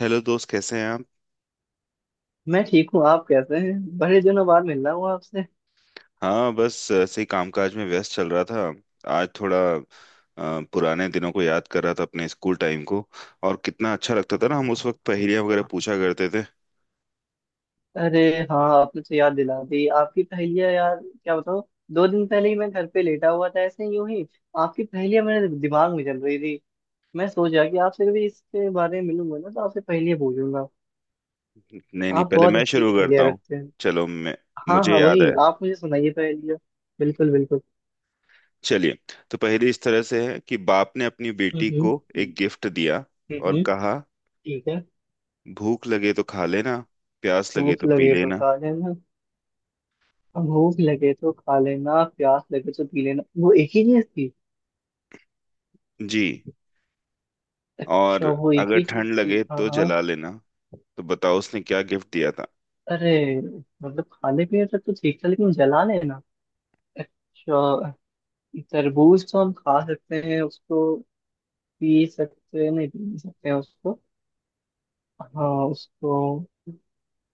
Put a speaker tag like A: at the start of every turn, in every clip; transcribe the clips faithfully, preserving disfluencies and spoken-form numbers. A: Hello दोस्त, कैसे हैं आप।
B: मैं ठीक हूँ। आप कैसे हैं? बड़े दिनों बाद मिल रहा हूँ आपसे।
A: हाँ, बस ऐसे ही कामकाज में व्यस्त चल रहा था। आज थोड़ा अ, पुराने दिनों को याद कर रहा था, अपने स्कूल टाइम को। और कितना अच्छा लगता था ना, हम उस वक्त पहेलियां वगैरह पूछा करते थे।
B: अरे हाँ, आपने तो याद दिला दी। आपकी पहेलियाँ यार, क्या बताऊँ। दो दिन पहले ही मैं घर पे लेटा हुआ था, ऐसे ही यूं ही। आपकी पहेलियाँ मेरे दिमाग में चल रही थी। मैं सोच रहा कि आपसे कभी इसके बारे में मिलूंगा ना, तो आपसे पहेलियाँ पूछूंगा।
A: नहीं नहीं,
B: आप
A: पहले
B: बहुत
A: मैं
B: अच्छी
A: शुरू
B: अच्छी
A: करता
B: पहेलियाँ
A: हूँ।
B: रखते हैं।
A: चलो मैं,
B: हाँ
A: मुझे
B: हाँ,
A: याद
B: वही
A: है।
B: आप मुझे सुनाइए पहेलियाँ। बिल्कुल बिल्कुल।
A: चलिए, तो पहेली इस तरह से है कि बाप ने अपनी
B: हम्म
A: बेटी
B: हम्म।
A: को एक गिफ्ट दिया
B: हम्म,
A: और
B: हम्म,
A: कहा,
B: ठीक है।
A: भूख लगे तो खा लेना, प्यास लगे
B: भूख
A: तो पी
B: लगे तो
A: लेना
B: खा लेना। भूख लगे तो खा लेना, प्यास लगे तो पी लेना, वो एक ही चीज थी।
A: जी। और
B: अच्छा, वो एक
A: अगर
B: ही चीज
A: ठंड
B: थी।
A: लगे
B: हाँ
A: तो
B: हाँ।
A: जला लेना। तो बताओ उसने क्या गिफ्ट दिया था।
B: अरे। मतलब खाने पीने तक तो ठीक था, लेकिन जला लेना। अच्छा। तरबूज तो हम खा सकते हैं उसको। पी सकते हैं, नहीं पी नहीं सकते हैं उसको। हाँ उसको।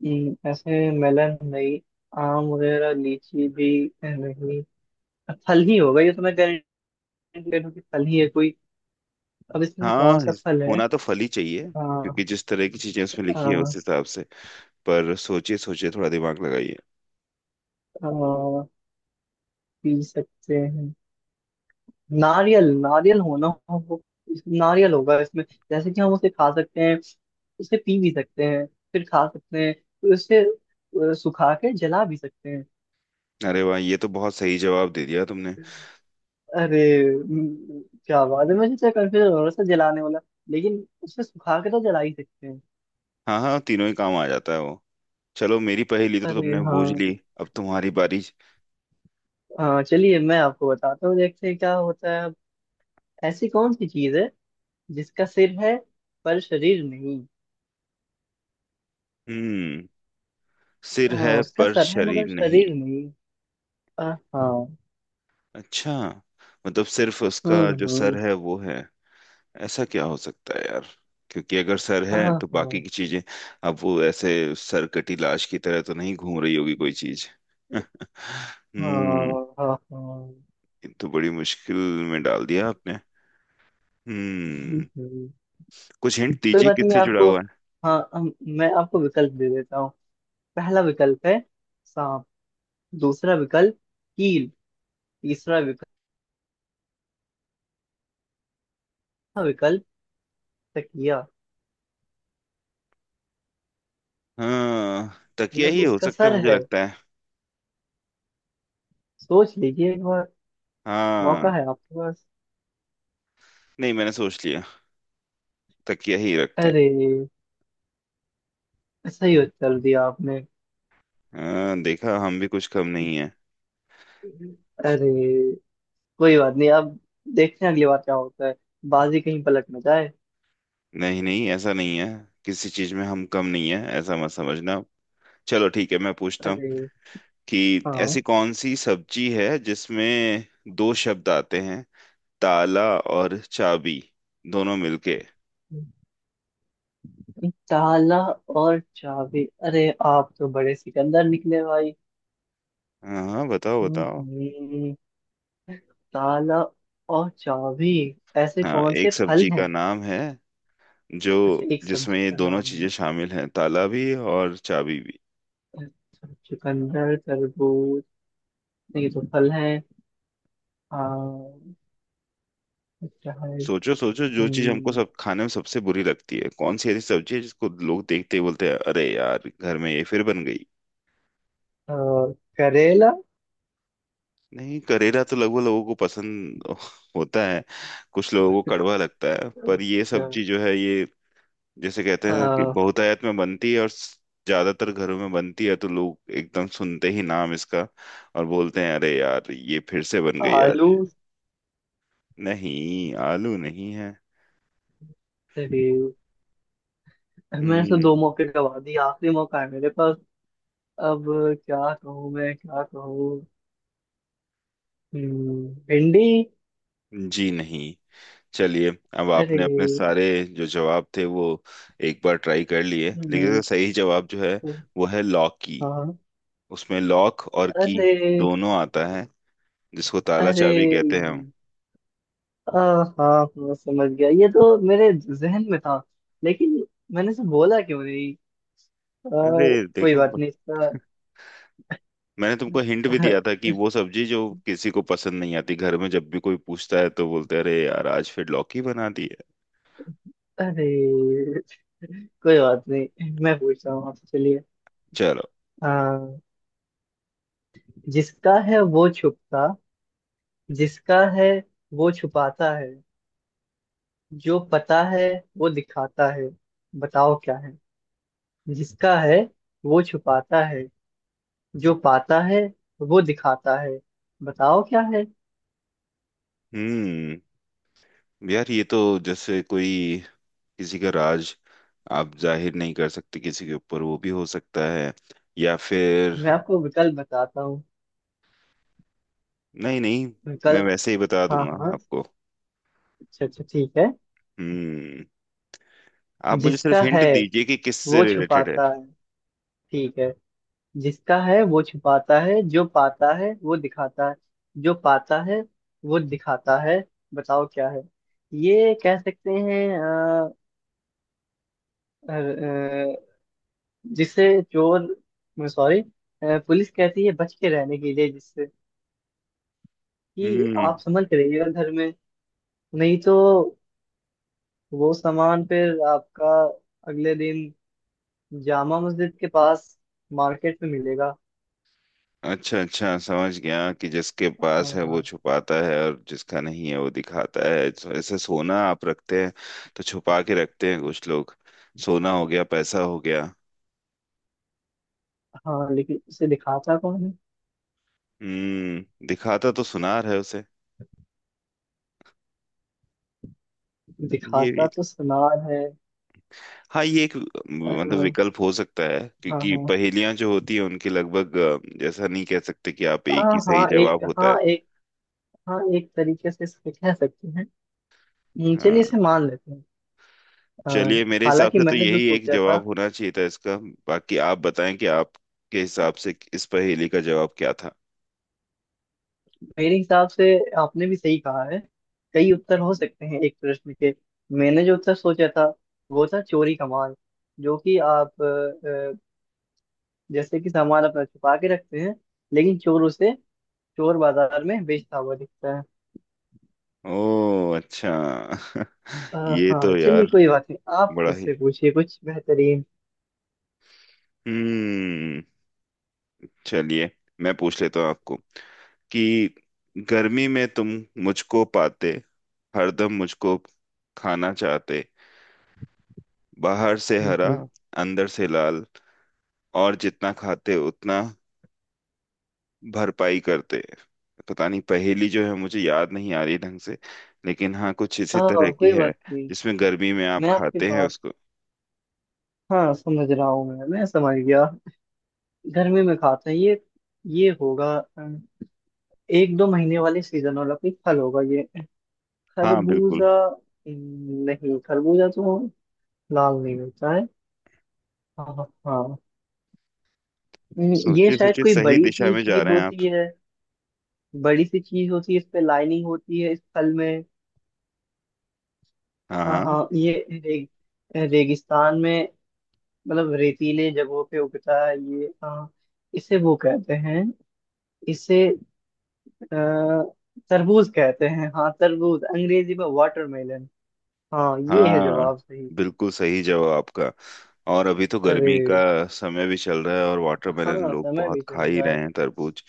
B: हम्म, ऐसे मेलन नहीं। आम वगैरह, लीची भी। नहीं। फल ही होगा ये, तो मैं गारंटी दे रहा हूँ कि फल ही है कोई। अब इसमें से कौन
A: हाँ,
B: सा
A: इस-
B: फल है?
A: होना तो फल ही चाहिए,
B: आ,
A: क्योंकि जिस तरह की चीजें उसमें लिखी है उस
B: आ,
A: हिसाब से। पर सोचिए सोचिए, थोड़ा दिमाग लगाइए।
B: आ, पी सकते हैं। नारियल नारियल होना हो। नारियल होगा इसमें। जैसे कि हम उसे खा सकते हैं, उसे पी भी सकते हैं, फिर खा सकते हैं, फिर उसे अ, सुखा के जला भी सकते हैं।
A: अरे वाह, ये तो बहुत सही जवाब दे दिया तुमने।
B: अरे। म, क्या बात है, मुझे तो कंफ्यूजन हो रहा था जलाने वाला। लेकिन उसे सुखा के तो जला ही सकते हैं।
A: हाँ हाँ, तीनों ही काम आ जाता है वो। चलो, मेरी पहेली तो
B: अरे
A: तुमने बूझ
B: हाँ।
A: ली, अब तुम्हारी बारी।
B: हाँ चलिए, मैं आपको बताता हूँ। देखते हैं क्या होता है अब। ऐसी कौन सी चीज है जिसका सिर है पर शरीर नहीं?
A: हम्म, सिर
B: हाँ,
A: है
B: उसका
A: पर
B: सर है
A: शरीर
B: मगर
A: नहीं।
B: शरीर नहीं। अ, हाँ।
A: अच्छा, मतलब सिर्फ उसका
B: हम्म
A: जो सर
B: हम्म।
A: है वो है। ऐसा क्या हो सकता है यार, क्योंकि अगर सर
B: हाँ
A: है तो बाकी
B: हाँ
A: की चीजें। अब वो ऐसे सर कटी लाश की तरह तो नहीं घूम रही होगी कोई चीज। हम्म,
B: हाँ हाँ हाँ,
A: ये तो बड़ी मुश्किल में डाल दिया आपने। हम्म,
B: बिल्कुल।
A: कुछ हिंट
B: कोई
A: दीजिए
B: बात नहीं, मैं
A: किससे जुड़ा
B: आपको
A: हुआ है।
B: हाँ हम- मैं आपको विकल्प दे देता हूँ। पहला विकल्प है सांप। दूसरा विकल्प कील। तीसरा विकल्प हाँ, विकल्प तकिया।
A: हाँ, तकिया
B: मतलब
A: ही हो
B: उसका
A: सकता है
B: सर
A: मुझे
B: है।
A: लगता है।
B: सोच लीजिए एक बार।
A: हाँ,
B: मौका है आपके पास।
A: नहीं, मैंने सोच लिया, तकिया ही रखते हैं।
B: अरे। सही उत्तर दिया आपने।
A: हाँ, देखा, हम भी कुछ कम नहीं है।
B: अरे। कोई बात नहीं अब। देखते हैं अगली बार क्या होता है। बाजी कहीं पलट न जाए।
A: नहीं नहीं, ऐसा नहीं है। किसी चीज में हम कम नहीं है, ऐसा मत समझना। चलो, ठीक है, मैं पूछता हूँ
B: अरे
A: कि
B: हाँ।
A: ऐसी कौन सी सब्जी है जिसमें दो शब्द आते हैं, ताला और चाबी, दोनों मिलके।
B: ताला और चाबी! अरे आप तो बड़े सिकंदर निकले भाई।
A: हाँ हाँ, बताओ
B: हम्म
A: बताओ।
B: हम्म, ताला और चाबी। ऐसे
A: हाँ,
B: कौन से
A: एक
B: फल
A: सब्जी का
B: हैं?
A: नाम है, जो
B: अच्छा, एक
A: जिसमें
B: सब्जी
A: ये
B: का
A: दोनों
B: नाम
A: चीजें
B: है।
A: शामिल हैं, ताला भी और चाबी भी।
B: अच्छा, चुकंदर, तरबूज। नहीं, ये तो फल है। आ, अच्छा है।
A: सोचो सोचो, जो चीज हमको
B: हम्म,
A: सब खाने में सबसे बुरी लगती है, कौन सी ऐसी सब्जी है जिसको लोग देखते ही बोलते हैं, अरे यार घर में ये फिर बन गई।
B: आ, करेला।
A: नहीं, करेला तो लगभग लोगों को पसंद होता है, कुछ लोगों को कड़वा लगता है, पर ये
B: अच्छा।
A: सब्जी जो है ये जैसे कहते हैं कि
B: आ,
A: बहुतायत में बनती है और स- ज्यादातर घरों में बनती है, तो लोग एकदम सुनते ही नाम इसका और बोलते हैं, अरे यार ये फिर से बन गई
B: आलू।
A: आज। नहीं, आलू नहीं है।
B: अरे। मैंने तो
A: हम्म।
B: दो मौके गवा दिए, आखिरी मौका है मेरे पास। अब क्या कहूँ, मैं क्या कहूँ। हम्म, भिंडी।
A: जी नहीं। चलिए, अब
B: अरे।
A: आपने अपने सारे जो जवाब थे वो एक बार ट्राई कर लिए, लेकिन इसका
B: हम्म।
A: सही जवाब जो है वो है लॉकी।
B: हाँ।
A: उसमें लॉक और की
B: अरे।
A: दोनों आता है, जिसको ताला
B: अरे।
A: चाबी कहते हैं हम।
B: आ, हाँ हाँ, समझ गया ये तो मेरे जहन में था। लेकिन मैंने से बोला क्यों नहीं। आ,
A: अरे
B: कोई
A: देखो,
B: बात नहीं इसका।
A: मैंने तुमको हिंट भी दिया था कि वो सब्जी जो किसी को पसंद नहीं आती, घर में जब भी कोई पूछता है तो बोलते हैं, अरे यार आज फिर लौकी बना दी है।
B: अरे। कोई बात नहीं, मैं पूछ रहा हूँ आपसे। चलिए।
A: चलो।
B: आ, जिसका है वो छुपता। जिसका है वो छुपाता है। जो पता है वो दिखाता है। बताओ क्या है। जिसका है वो छुपाता है। जो पाता है वो दिखाता है। बताओ क्या है?
A: हम्म, यार ये तो जैसे कोई किसी का राज आप जाहिर नहीं कर सकते किसी के ऊपर, वो भी हो सकता है, या फिर।
B: मैं आपको विकल्प बताता हूँ।
A: नहीं नहीं, मैं
B: विकल्प।
A: वैसे ही बता
B: हाँ
A: दूंगा
B: हाँ।
A: आपको।
B: अच्छा अच्छा, ठीक है।
A: हम्म, आप मुझे सिर्फ
B: जिसका है
A: हिंट दीजिए कि किससे
B: वो
A: रिलेटेड है।
B: छुपाता है। ठीक है। जिसका है वो छुपाता है, जो पाता है वो दिखाता है। जो पाता है वो दिखाता है। बताओ क्या है? ये कह सकते हैं अ, अ, अ, जिसे चोर, सॉरी, पुलिस कहती है बच के रहने के लिए जिससे कि
A: हम्म,
B: आप समझ रहिएगा घर में। नहीं तो वो सामान फिर आपका अगले दिन जामा मस्जिद के पास मार्केट में मिलेगा।
A: अच्छा अच्छा, समझ गया कि जिसके
B: हाँ
A: पास है
B: हाँ।
A: वो छुपाता है और जिसका नहीं है वो दिखाता है, तो ऐसे सोना आप रखते हैं, तो छुपा के रखते हैं कुछ लोग। सोना हो गया, पैसा हो गया।
B: हाँ, लेकिन उसे दिखाता कौन है?
A: हम्म, दिखाता तो सुनार है उसे। ये
B: दिखाता
A: भी,
B: तो सुनार है।
A: हाँ ये एक,
B: अ,
A: मतलब विकल्प हो सकता है,
B: हाँ
A: क्योंकि
B: हाँ।
A: पहेलियां जो होती है उनके लगभग अ, जैसा नहीं कह सकते कि आप एक
B: हाँ
A: ही सही
B: हाँ
A: जवाब
B: एक
A: होता है।
B: हाँ एक। हाँ एक तरीके से इसे कह सकते हैं। हम्म, चलिए
A: हाँ।
B: इसे मान लेते हैं। अ,
A: चलिए, मेरे हिसाब
B: हालांकि
A: से तो
B: मैंने जो
A: यही एक
B: सोचा था।
A: जवाब होना चाहिए था इसका। बाकी आप बताएं कि आपके हिसाब से इस पहेली का जवाब क्या था।
B: मेरे हिसाब से आपने भी सही कहा है। कई उत्तर हो सकते हैं एक प्रश्न के। मैंने जो उत्तर सोचा था वो था चोरी का माल। जो कि आप अ, अ, जैसे कि सामान अपना छुपा के रखते हैं। लेकिन चोर उसे चोर बाजार में बेचता हुआ दिखता है।
A: ओ अच्छा।
B: अ,
A: ये
B: हाँ
A: तो
B: चलिए,
A: यार
B: कोई बात नहीं। आप
A: बड़ा ही।
B: मुझसे पूछिए कुछ बेहतरीन।
A: हम्म, चलिए, मैं पूछ लेता हूँ आपको कि गर्मी में तुम मुझको पाते, हरदम मुझको खाना चाहते, बाहर से
B: हम्म,
A: हरा,
B: हम्म।
A: अंदर से लाल, और जितना खाते उतना भरपाई करते हैं। पता नहीं, पहेली जो है मुझे याद नहीं आ रही ढंग से, लेकिन हाँ कुछ इसी तरह
B: हाँ
A: की
B: कोई
A: है,
B: बात नहीं।
A: जिसमें गर्मी में आप
B: मैं आपकी
A: खाते हैं
B: बात
A: उसको।
B: हाँ समझ रहा हूँ, मैं मैं समझ गया। गर्मी में खाता है ये। ये होगा अ, एक दो महीने वाले सीजन वाला कोई फल होगा ये।
A: हाँ बिल्कुल।
B: खरबूजा। नहीं, खरबूजा तो लाल नहीं होता है। हाँ हाँ। हम्म, ये
A: सोचिए
B: शायद
A: सोचिए,
B: कोई
A: सही
B: बड़ी
A: दिशा
B: सी
A: में जा
B: चीज
A: रहे हैं
B: होती
A: आप।
B: है। बड़ी सी चीज होती है, इस पे लाइनिंग होती है इस फल में।
A: हाँ
B: हाँ
A: हाँ।
B: हाँ, ये रे, रेगिस्तान में। मतलब रेतीले जगहों पे उगता है ये, हाँ। इसे वो कहते हैं। इसे आ, तरबूज कहते हैं। हाँ तरबूज, अंग्रेजी में वाटरमेलन। हाँ ये है
A: हाँ,
B: जवाब सही।
A: बिल्कुल सही जवाब आपका। और अभी तो
B: अरे।
A: गर्मी का समय भी चल रहा है, और वाटरमेलन
B: हाँ
A: लोग
B: समय
A: बहुत
B: भी
A: खा
B: चल
A: ही
B: रहा
A: रहे
B: है।
A: हैं, तरबूज।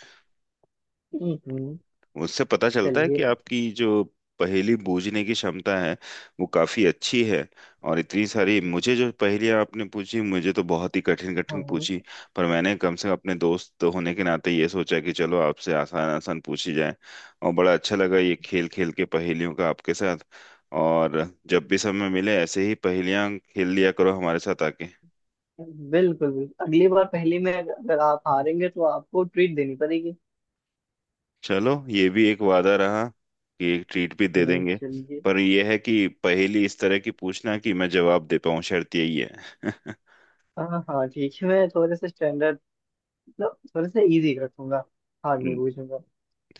B: हम्म, हम्म।
A: उससे पता चलता है कि
B: चलिए।
A: आपकी जो पहेली बूझने की क्षमता है वो काफी अच्छी है। और इतनी सारी मुझे जो पहेलियां आपने पूछी, मुझे तो बहुत ही कठिन
B: हाँ
A: कठिन
B: हाँ,
A: पूछी, पर मैंने कम से कम अपने दोस्त होने के नाते ये सोचा कि चलो आपसे आसान आसान पूछी जाए। और बड़ा अच्छा लगा ये खेल खेल के पहेलियों का आपके साथ। और जब भी समय मिले ऐसे ही पहेलियां खेल लिया करो हमारे साथ आके।
B: बिल्कुल बिल्कुल, अगली बार पहले में अगर अगर आप हारेंगे तो आपको ट्रीट देनी पड़ेगी।
A: चलो, ये भी एक वादा रहा कि एक ट्रीट भी दे
B: हम्म
A: देंगे।
B: चलिए।
A: पर यह है कि पहेली इस तरह की पूछना कि मैं जवाब दे पाऊं, शर्त यही है।
B: हाँ हाँ ठीक है, मैं थोड़े से स्टैंडर्ड। मतलब थोड़े से इजी रखूंगा। हार नहीं पूछूंगा।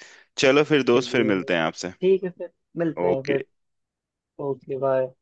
A: चलो फिर दोस्त, फिर
B: चलिए फिर।
A: मिलते हैं आपसे।
B: ठीक है फिर। मिलते हैं
A: ओके।
B: फिर। Okay bye.